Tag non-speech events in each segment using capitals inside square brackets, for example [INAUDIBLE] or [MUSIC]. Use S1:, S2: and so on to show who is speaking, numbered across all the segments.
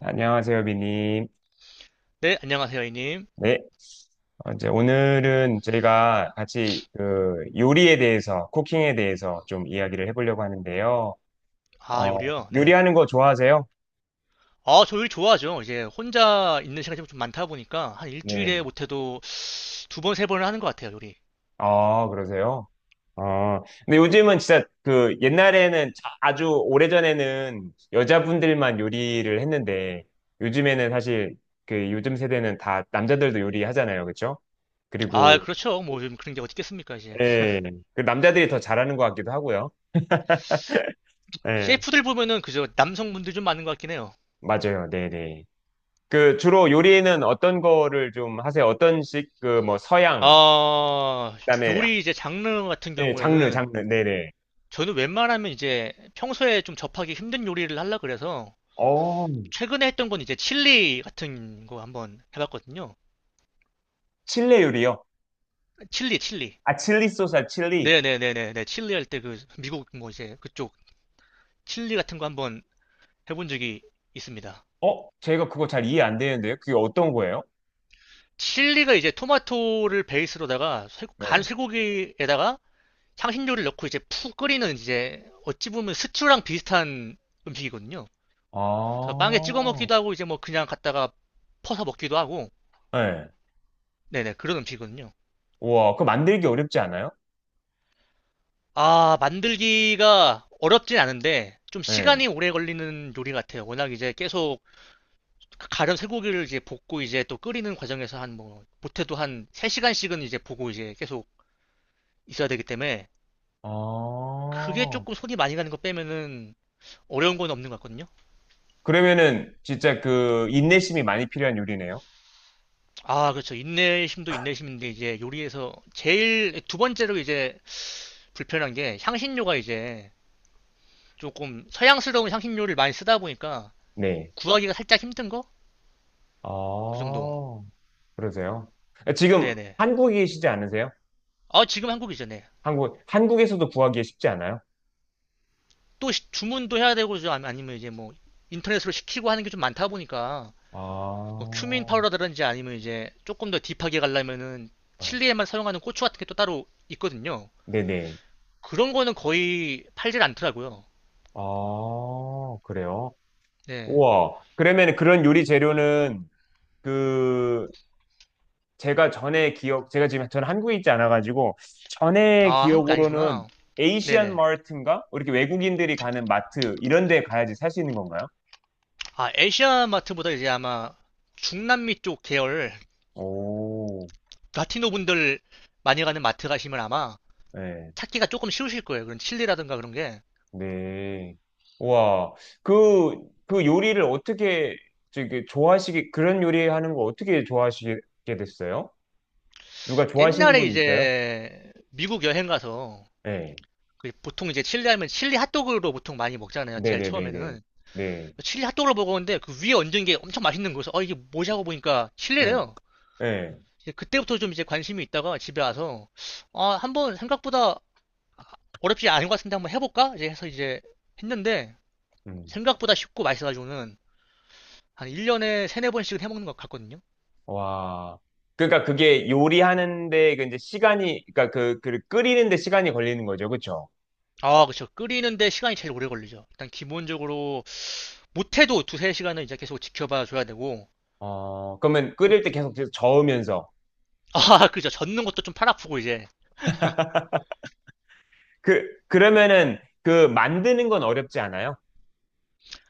S1: 안녕하세요, 비님.
S2: 네, 안녕하세요, 이님.
S1: 네. 이제 오늘은 저희가 같이 그 요리에 대해서, 쿠킹에 대해서 좀 이야기를 해보려고 하는데요.
S2: 아,
S1: 어,
S2: 요리요? 네.
S1: 요리하는 거 좋아하세요?
S2: 아, 저 요리 좋아하죠. 이제 혼자 있는 시간이 좀 많다 보니까 한
S1: 네.
S2: 일주일에 못해도 두 번, 세 번을 하는 것 같아요, 요리.
S1: 아, 그러세요? 근데 요즘은 진짜 그 옛날에는 아주 오래전에는 여자분들만 요리를 했는데 요즘에는 사실 그 요즘 세대는 다 남자들도 요리하잖아요. 그렇죠?
S2: 아,
S1: 그리고
S2: 그렇죠. 뭐 요즘 그런 게 어디 있겠습니까, 이제.
S1: 예, 그 남자들이 더 잘하는 것 같기도 하고요. 예.
S2: 셰프들 보면은 그저 남성분들 좀 많은 것 같긴 해요.
S1: 맞아요. 네네. 그 주로 요리는 어떤 거를 좀 하세요? 어떤 식, 그 뭐 서양,
S2: 아,
S1: 그다음에
S2: 요리 이제 장르 같은
S1: 네, 장르,
S2: 경우에는
S1: 장르. 네네.
S2: 저는 웬만하면 이제 평소에 좀 접하기 힘든 요리를 하려 그래서
S1: 어,
S2: 최근에 했던 건 이제 칠리 같은 거 한번 해봤거든요.
S1: 칠레 요리요?
S2: 칠리, 칠리.
S1: 아, 칠리 소스, 아, 칠리.
S2: 네네네네 네. 칠리 할 때 그 미국 뭐 이제 그쪽 칠리 같은 거 한번 해본 적이 있습니다.
S1: 어, 제가 그거 잘 이해 안 되는데요. 그게 어떤 거예요?
S2: 칠리가 이제 토마토를 베이스로다가 간
S1: 네.
S2: 쇠고기에다가 향신료를 넣고 이제 푹 끓이는, 이제 어찌 보면 스튜랑 비슷한 음식이거든요. 그래서 빵에 찍어
S1: 아,
S2: 먹기도 하고 이제 뭐 그냥 갖다가 퍼서 먹기도 하고,
S1: 네.
S2: 네네, 그런 음식이거든요.
S1: 우와, 그거 만들기 어렵지 않아요?
S2: 아, 만들기가 어렵진 않은데 좀
S1: 네.
S2: 시간이 오래 걸리는 요리 같아요. 워낙 이제 계속 가른 쇠고기를 이제 볶고 이제 또 끓이는 과정에서 한 뭐 못해도 한 세 시간씩은 이제 보고 이제 계속 있어야 되기 때문에 그게
S1: 아,
S2: 조금 손이 많이 가는 거 빼면은 어려운 건 없는 것 같거든요.
S1: 그러면은 진짜 그 인내심이 많이 필요한 요리네요.
S2: 아, 그렇죠. 인내심도 인내심인데 이제 요리에서 제일 두 번째로 이제 불편한 게, 향신료가 이제 조금 서양스러운 향신료를 많이 쓰다 보니까
S1: 네.
S2: 구하기가 살짝 힘든 거? 그
S1: 아,
S2: 정도.
S1: 그러세요? 지금
S2: 네네.
S1: 한국이시지 않으세요?
S2: 아, 지금 한국이죠. 네.
S1: 한국, 한국에서도 구하기에 쉽지 않아요?
S2: 또 주문도 해야 되고 아니면 이제 뭐 인터넷으로 시키고 하는 게 좀 많다 보니까 뭐 큐민
S1: 아,
S2: 파우더라든지 아니면 이제 조금 더 딥하게 가려면은
S1: 네.
S2: 칠리에만 사용하는 고추 같은 게 또 따로 있거든요.
S1: 네네.
S2: 그런 거는 거의 팔질 않더라고요.
S1: 아, 그래요?
S2: 네.
S1: 우와. 그러면 그런 요리 재료는 그 제가 전에 기억, 제가 지금 저는 한국에 있지 않아가지고 전에
S2: 아, 한국이
S1: 기억으로는
S2: 아니구나.
S1: 에이시안
S2: 네네.
S1: 마트인가? 이렇게 외국인들이 가는 마트 이런 데 가야지 살 수 있는 건가요?
S2: 아, 아시아 마트보다 이제 아마 중남미 쪽 계열
S1: 오,
S2: 라티노 분들 많이 가는 마트 가시면 아마
S1: 네.
S2: 찾기가 조금 쉬우실 거예요. 그런 칠리라든가 그런 게.
S1: 네. 와, 그, 그 요리를 어떻게, 저기, 좋아하시게, 그런 요리 하는 거 어떻게 좋아하시게 됐어요? 누가 좋아하시는
S2: 옛날에
S1: 분 있어요?
S2: 이제 미국 여행 가서
S1: 네.
S2: 그 보통 이제 칠리 하면 칠리 핫도그로 보통 많이 먹잖아요. 제일
S1: 네네네네.
S2: 처음에는.
S1: 네.
S2: 칠리 핫도그를 먹었는데 그 위에 얹은 게 엄청 맛있는 거여서 어, 이게 뭐지 하고 보니까
S1: 네.
S2: 칠리래요.
S1: 네.
S2: 이제 그때부터 좀 이제 관심이 있다가 집에 와서 아, 한번 생각보다 어렵지 않은 것 같은데 한번 해볼까? 이제 해서 이제 했는데
S1: 음.
S2: 생각보다 쉽고 맛있어가지고는 한 1년에 세네 번씩은 해먹는 것 같거든요.
S1: 와. 그러니까 그게 요리하는데 그 이제 시간이, 그러니까 그, 그 끓이는데 시간이 걸리는 거죠. 그쵸?
S2: 아, 그쵸. 끓이는데 시간이 제일 오래 걸리죠. 일단 기본적으로 못해도 두세 시간은 이제 계속 지켜봐 줘야 되고.
S1: 어, 그러면
S2: 또
S1: 끓일 때 계속 저으면서.
S2: 아, [LAUGHS] 그죠. 젓는 것도 좀 팔 아프고 이제.
S1: 그, 그러면은 그 만드는 건 어렵지 않아요?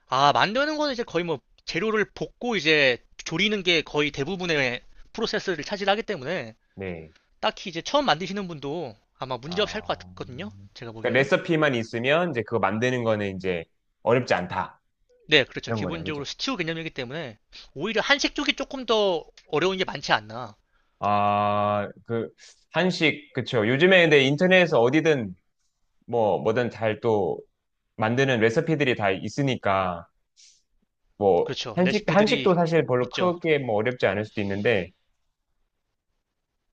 S2: 아, 만드는 거는 이제 거의 뭐 재료를 볶고 이제 조리는 게 거의 대부분의 프로세스를 차지하기 때문에
S1: 네.
S2: 딱히 이제 처음 만드시는 분도 아마 문제 없이 할
S1: 아,
S2: 것 같거든요. 제가
S1: 그러니까
S2: 보기에는.
S1: 레시피만 있으면 이제 그거 만드는 거는 이제 어렵지 않다.
S2: 네, 그렇죠.
S1: 이런 거네요. 그죠?
S2: 기본적으로 스튜 개념이기 때문에 오히려 한식 쪽이 조금 더 어려운 게 많지 않나.
S1: 아, 그, 한식, 그쵸. 요즘에 근데 인터넷에서 어디든 뭐, 뭐든 잘 또 만드는 레시피들이 다 있으니까, 뭐,
S2: 그렇죠.
S1: 한식,
S2: 레시피들이
S1: 한식도 사실 별로
S2: 있죠.
S1: 크게 뭐 어렵지 않을 수도 있는데,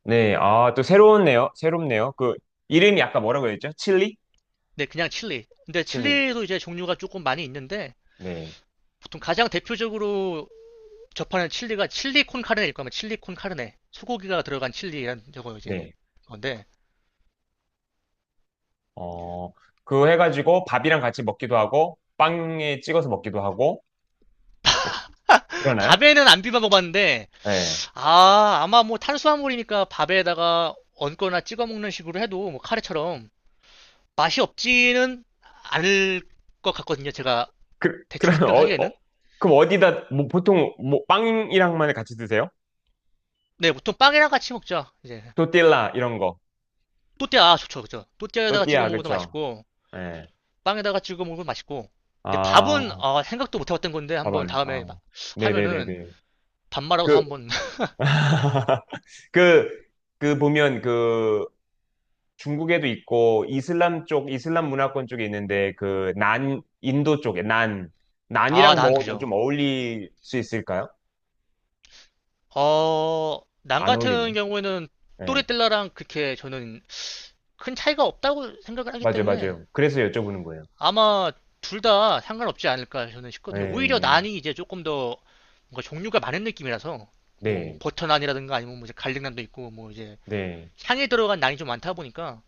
S1: 네, 아, 또 새로운네요. 새롭네요. 그, 이름이 아까 뭐라고 했죠? 칠리?
S2: 네, 그냥 칠리. 근데
S1: 칠리.
S2: 칠리도 이제 종류가 조금 많이 있는데
S1: 네,
S2: 보통 가장 대표적으로 접하는 칠리가 칠리 콘 카르네일 거면, 칠리 콘 카르네. 소고기가 들어간 칠리는 저거 이제
S1: 네.
S2: 건데.
S1: 어, 그거 해가지고 밥이랑 같이 먹기도 하고, 빵에 찍어서 먹기도 하고, 뭐 그러나요?
S2: 밥에는 안 비벼 먹었는데
S1: 네.
S2: 아, 아마 뭐 탄수화물이니까 밥에다가 얹거나 찍어 먹는 식으로 해도 뭐 카레처럼 맛이 없지는 않을 것 같거든요. 제가
S1: 그,
S2: 대충
S1: 그러면,
S2: 생각을 하기에는.
S1: 그럼 어디다, 뭐, 보통, 뭐, 빵이랑만 같이 드세요?
S2: 네, 보통 빵이랑 같이 먹죠. 이제
S1: 또띠라, 이런 거.
S2: 또띠아, 아, 좋죠, 그죠? 또띠아에다가 찍어
S1: 또띠아,
S2: 먹어도
S1: 그쵸?
S2: 맛있고
S1: 네.
S2: 빵에다가 찍어 먹어도 맛있고. 근데
S1: 아,
S2: 밥은 어, 생각도 못 해봤던 건데 한번
S1: 밥알,
S2: 다음에
S1: 아.
S2: 하면은
S1: 네네네네.
S2: 밥 말아서
S1: 그,
S2: 한번. [LAUGHS]
S1: [LAUGHS] 그, 그 보면 그 중국에도 있고 이슬람 쪽 이슬람 문화권 쪽에 있는데 그 난 인도 쪽에 난
S2: 아,
S1: 난이랑
S2: 난
S1: 먹어도
S2: 그죠.
S1: 좀 어울릴 수 있을까요?
S2: 어, 난
S1: 안
S2: 같은
S1: 어울리네.
S2: 경우에는
S1: 네.
S2: 또레텔라랑 그렇게 저는 큰 차이가 없다고 생각을 하기
S1: 맞아요,
S2: 때문에
S1: 맞아요. 그래서 여쭤보는 거예요.
S2: 아마 둘 다 상관없지 않을까 저는 싶거든요. 오히려
S1: 네,
S2: 난이 이제 조금 더 뭔가 종류가 많은 느낌이라서 뭐
S1: 네,
S2: 버터 난이라든가 아니면 뭐 이제 갈릭 난도 있고 뭐 이제
S1: 네,
S2: 향에 들어간 난이 좀 많다 보니까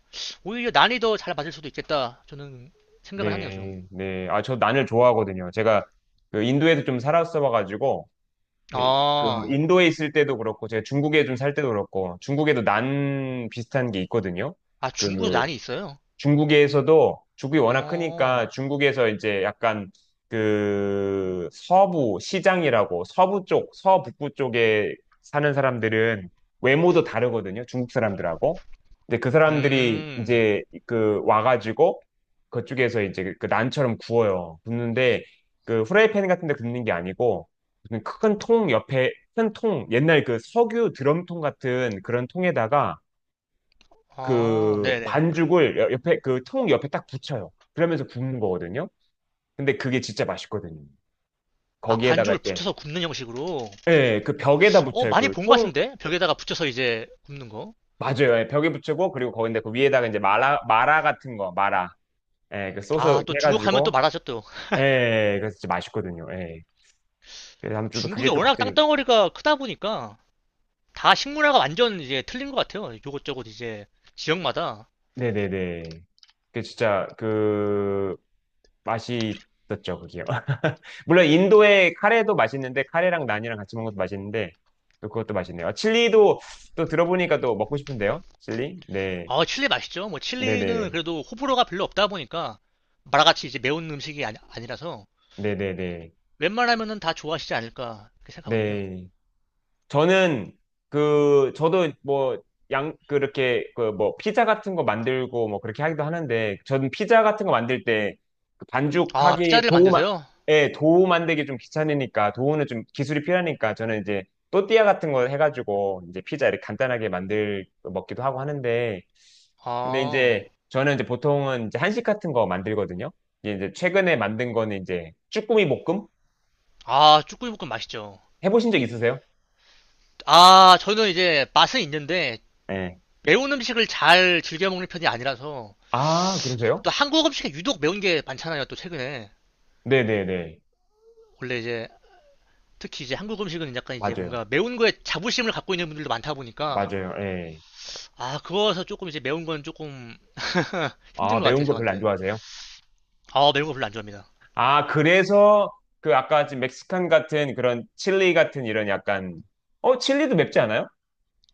S2: 오히려 난이 더 잘 맞을 수도 있겠다, 저는 생각을 하네요 좀.
S1: 네, 네. 아, 저 난을 좋아하거든요. 제가 그 인도에도 좀 살았어봐가지고 예, 그
S2: 아,
S1: 인도에 있을 때도 그렇고 제가 중국에 좀 살 때도 그렇고 중국에도 난 비슷한 게 있거든요.
S2: 아, 중국
S1: 그
S2: 난이 있어요?
S1: 중국에서도 중국이 워낙 크니까
S2: 어,
S1: 중국에서 이제 약간 그 서부 시장이라고 서부 쪽, 서북부 쪽에 사는 사람들은 외모도 다르거든요. 중국 사람들하고. 근데 그 사람들이
S2: 음,
S1: 이제 그 와가지고 그쪽에서 이제 그 난처럼 구워요. 굽는데 그 후라이팬 같은 데 굽는 게 아니고 큰 통 옆에 큰 통, 옛날 그 석유 드럼통 같은 그런 통에다가
S2: 아,
S1: 그
S2: 네네.
S1: 반죽을 옆에 그 통 옆에 딱 붙여요. 그러면서 굽는 거거든요. 근데 그게 진짜 맛있거든요.
S2: 아,
S1: 거기에다가
S2: 반죽을
S1: 이렇게
S2: 붙여서 굽는 형식으로.
S1: 예, 그 벽에다
S2: 어,
S1: 붙여요.
S2: 많이
S1: 그
S2: 본 것
S1: 통
S2: 같은데 벽에다가 붙여서 이제 굽는 거.
S1: 맞아요. 예, 벽에 붙이고 그리고 거기다 그 위에다가 이제 마라 마라 같은 거 마라 예, 그 소스
S2: 아,
S1: 이렇게
S2: 또 중국 하면 또
S1: 해가지고
S2: 말하죠 또.
S1: 예, 예, 그래서 진짜 맛있거든요. 예. 그래서 아무튼 또
S2: 중국이
S1: 그게 또
S2: 워낙
S1: 갑자기
S2: 땅덩어리가 크다 보니까 다 식문화가 완전 이제 틀린 것 같아요. 요것저것 이제 지역마다.
S1: 네네네. 그 진짜 그 맛있었죠, 그게요. [LAUGHS] 물론 인도의 카레도 맛있는데 카레랑 난이랑 같이 먹는 것도 맛있는데 또 그것도 맛있네요. 아, 칠리도 또 들어보니까 또 먹고 싶은데요. 칠리? 네.
S2: 아, 칠리 맛있죠. 뭐 칠리는
S1: 네네.
S2: 그래도 호불호가 별로 없다 보니까 마라같이 이제 매운 음식이 아니, 아니라서
S1: 네네네.
S2: 웬만하면은 다 좋아하시지 않을까 이렇게 생각하거든요.
S1: 네. 저는 그 저도 뭐 양 그렇게 그 뭐 피자 같은 거 만들고 뭐 그렇게 하기도 하는데 저는 피자 같은 거 만들 때그
S2: 아,
S1: 반죽하기
S2: 피자를
S1: 도우 만
S2: 만드세요?
S1: 예, 도우 만들기 좀 귀찮으니까 도우는 좀 기술이 필요하니까 저는 이제 또띠아 같은 거 해가지고 이제 피자 이렇게 간단하게 만들 먹기도 하고 하는데 근데
S2: 아,
S1: 이제 저는 이제 보통은 이제 한식 같은 거 만들거든요. 이제 최근에 만든 거는 이제 쭈꾸미 볶음
S2: 아, 쭈꾸미 볶음 맛있죠.
S1: 해보신 적 있으세요?
S2: 아, 저는 이제 맛은 있는데
S1: 예.
S2: 매운 음식을 잘 즐겨 먹는 편이 아니라서.
S1: 아, 그러세요?
S2: 또 한국 음식에 유독 매운 게 많잖아요. 또 최근에
S1: 네네네.
S2: 원래 이제 특히 이제 한국 음식은 약간 이제
S1: 맞아요.
S2: 뭔가 매운 거에 자부심을 갖고 있는 분들도 많다 보니까
S1: 맞아요. 예.
S2: 아, 그거서 조금 이제 매운 건 조금 힘든
S1: 아,
S2: 것
S1: 매운
S2: 같아요
S1: 거 별로 안
S2: 저한테.
S1: 좋아하세요?
S2: 아, 매운 거 별로 안 좋아합니다.
S1: 아, 그래서 그 아까 지금 멕시칸 같은 그런 칠리 같은 이런 약간 어, 칠리도 맵지 않아요?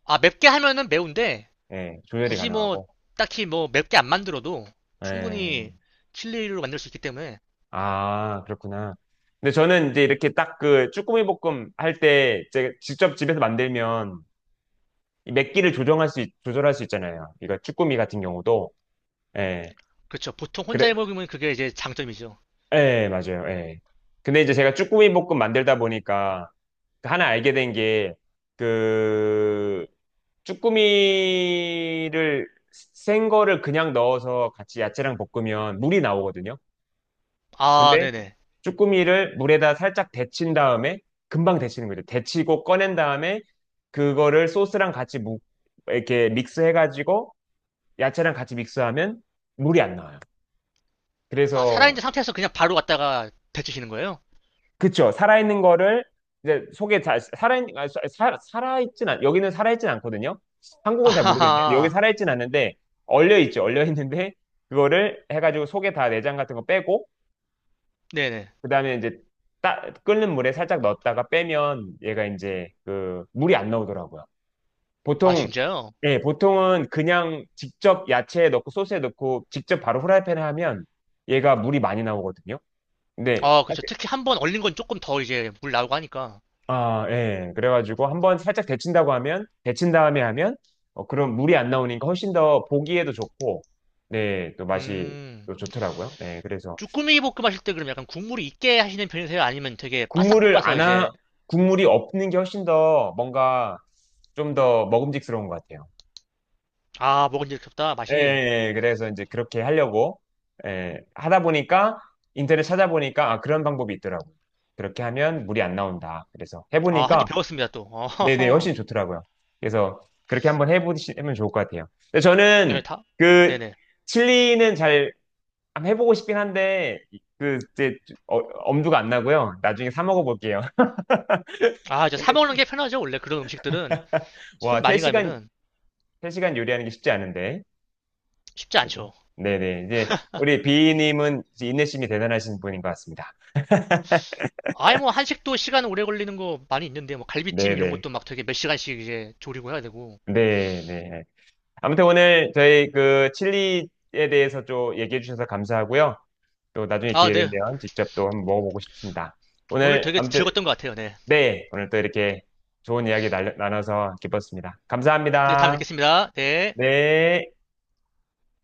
S2: 아, 맵게 하면은 매운데
S1: 예. 조절이
S2: 굳이 뭐
S1: 가능하고.
S2: 딱히 뭐 맵게 안 만들어도
S1: 예.
S2: 충분히 칠리로 만들 수 있기 때문에.
S1: 아, 그렇구나. 근데 저는 이제 이렇게 딱 그 쭈꾸미 볶음 할 때 제가 직접 집에서 만들면 이 맵기를 조절할 수 있잖아요. 이거 쭈꾸미 같은 경우도. 예.
S2: 그렇죠, 보통 혼자
S1: 그래,
S2: 해 먹으면 그게 이제 장점이죠.
S1: 예, 맞아요. 예. 근데 이제 제가 쭈꾸미 볶음 만들다 보니까 그 하나 알게 된 게, 그, 쭈꾸미를, 생 거를 그냥 넣어서 같이 야채랑 볶으면 물이 나오거든요.
S2: 아,
S1: 근데
S2: 네네.
S1: 쭈꾸미를 물에다 살짝 데친 다음에, 금방 데치는 거죠. 데치고 꺼낸 다음에, 그거를 소스랑 같이 무, 이렇게 믹스해가지고, 야채랑 같이 믹스하면 물이 안 나와요.
S2: 아,
S1: 그래서,
S2: 살아있는 상태에서 그냥 바로 왔다가 데치시는 거예요?
S1: 그쵸. 살아있는 거를 이제 속에 잘 살아 아, 살아있진 않 여기는 살아있진 않거든요.
S2: [LAUGHS]
S1: 한국은 잘 모르겠네. 여기
S2: 아하하.
S1: 살아있진 않는데 얼려 있죠. 얼려 있는데 그거를 해가지고 속에 다 내장 같은 거 빼고
S2: 네네.
S1: 그다음에 이제 따, 끓는 물에 살짝 넣었다가 빼면 얘가 이제 그 물이 안 나오더라고요.
S2: 아,
S1: 보통
S2: 진짜요?
S1: 예, 보통은 그냥 직접 야채에 넣고 소스에 넣고 직접 바로 후라이팬에 하면 얘가 물이 많이 나오거든요. 근데
S2: 아, 그렇죠, 특히 한번 얼린 건 조금 더 이제 물 나오고 하니까.
S1: 아, 예. 그래가지고 한번 살짝 데친다고 하면, 데친 다음에 하면, 어, 그럼 물이 안 나오니까 훨씬 더 보기에도 좋고, 네, 또 맛이
S2: 음.
S1: 또 좋더라고요. 네, 그래서
S2: 쭈꾸미 볶음 하실 때 그럼 약간 국물이 있게 하시는 편이세요? 아니면 되게 바싹
S1: 국물을
S2: 볶아서
S1: 안 하,
S2: 이제.
S1: 국물이 없는 게 훨씬 더 뭔가 좀 더 먹음직스러운 것 같아요.
S2: 아, 먹은 지 없다
S1: 예,
S2: 맛이.
S1: 예, 예. 그래서 이제 그렇게 하려고, 예, 하다 보니까, 인터넷 찾아보니까, 아, 그런 방법이 있더라고요. 그렇게 하면 물이 안 나온다. 그래서
S2: 아, 1개
S1: 해보니까,
S2: 배웠습니다 또. [LAUGHS]
S1: 네네,
S2: 어허허.
S1: 훨씬 좋더라고요. 그래서 그렇게 한번 해보시면 좋을 것 같아요. 근데
S2: 네,
S1: 저는
S2: 다.
S1: 그
S2: 네네.
S1: 칠리는 잘 한번 해보고 싶긴 한데 그 이제 어- 엄두가 안 나고요. 나중에 사 먹어볼게요. [LAUGHS]
S2: 아, 이제 사
S1: 근데
S2: 먹는 게 편하죠, 원래 그런 음식들은 손
S1: 와,
S2: 많이
S1: 3시간,
S2: 가면은.
S1: 세시간 요리하는 게 쉽지 않은데.
S2: 쉽지
S1: 그렇죠?
S2: 않죠.
S1: 네네. 이제 우리 비님은 이제 인내심이 대단하신 분인 것 같습니다. [LAUGHS]
S2: 아예 뭐 한식도 시간 오래 걸리는 거 많이 있는데 뭐 갈비찜 이런
S1: 네네.
S2: 것도 막 되게 몇 시간씩 이제 조리고 해야 되고.
S1: 네네. 아무튼 오늘 저희 그 칠리에 대해서 좀 얘기해 주셔서 감사하고요. 또 나중에
S2: 아,
S1: 기회
S2: 네.
S1: 되면 직접 또 한번 먹어보고 싶습니다.
S2: 오늘
S1: 오늘
S2: 되게
S1: 아무튼
S2: 즐거웠던 것 같아요. 네네.
S1: 네, 오늘 또 이렇게 좋은 이야기 나눠서 기뻤습니다.
S2: 다음에
S1: 감사합니다.
S2: 뵙겠습니다. 네.
S1: 네.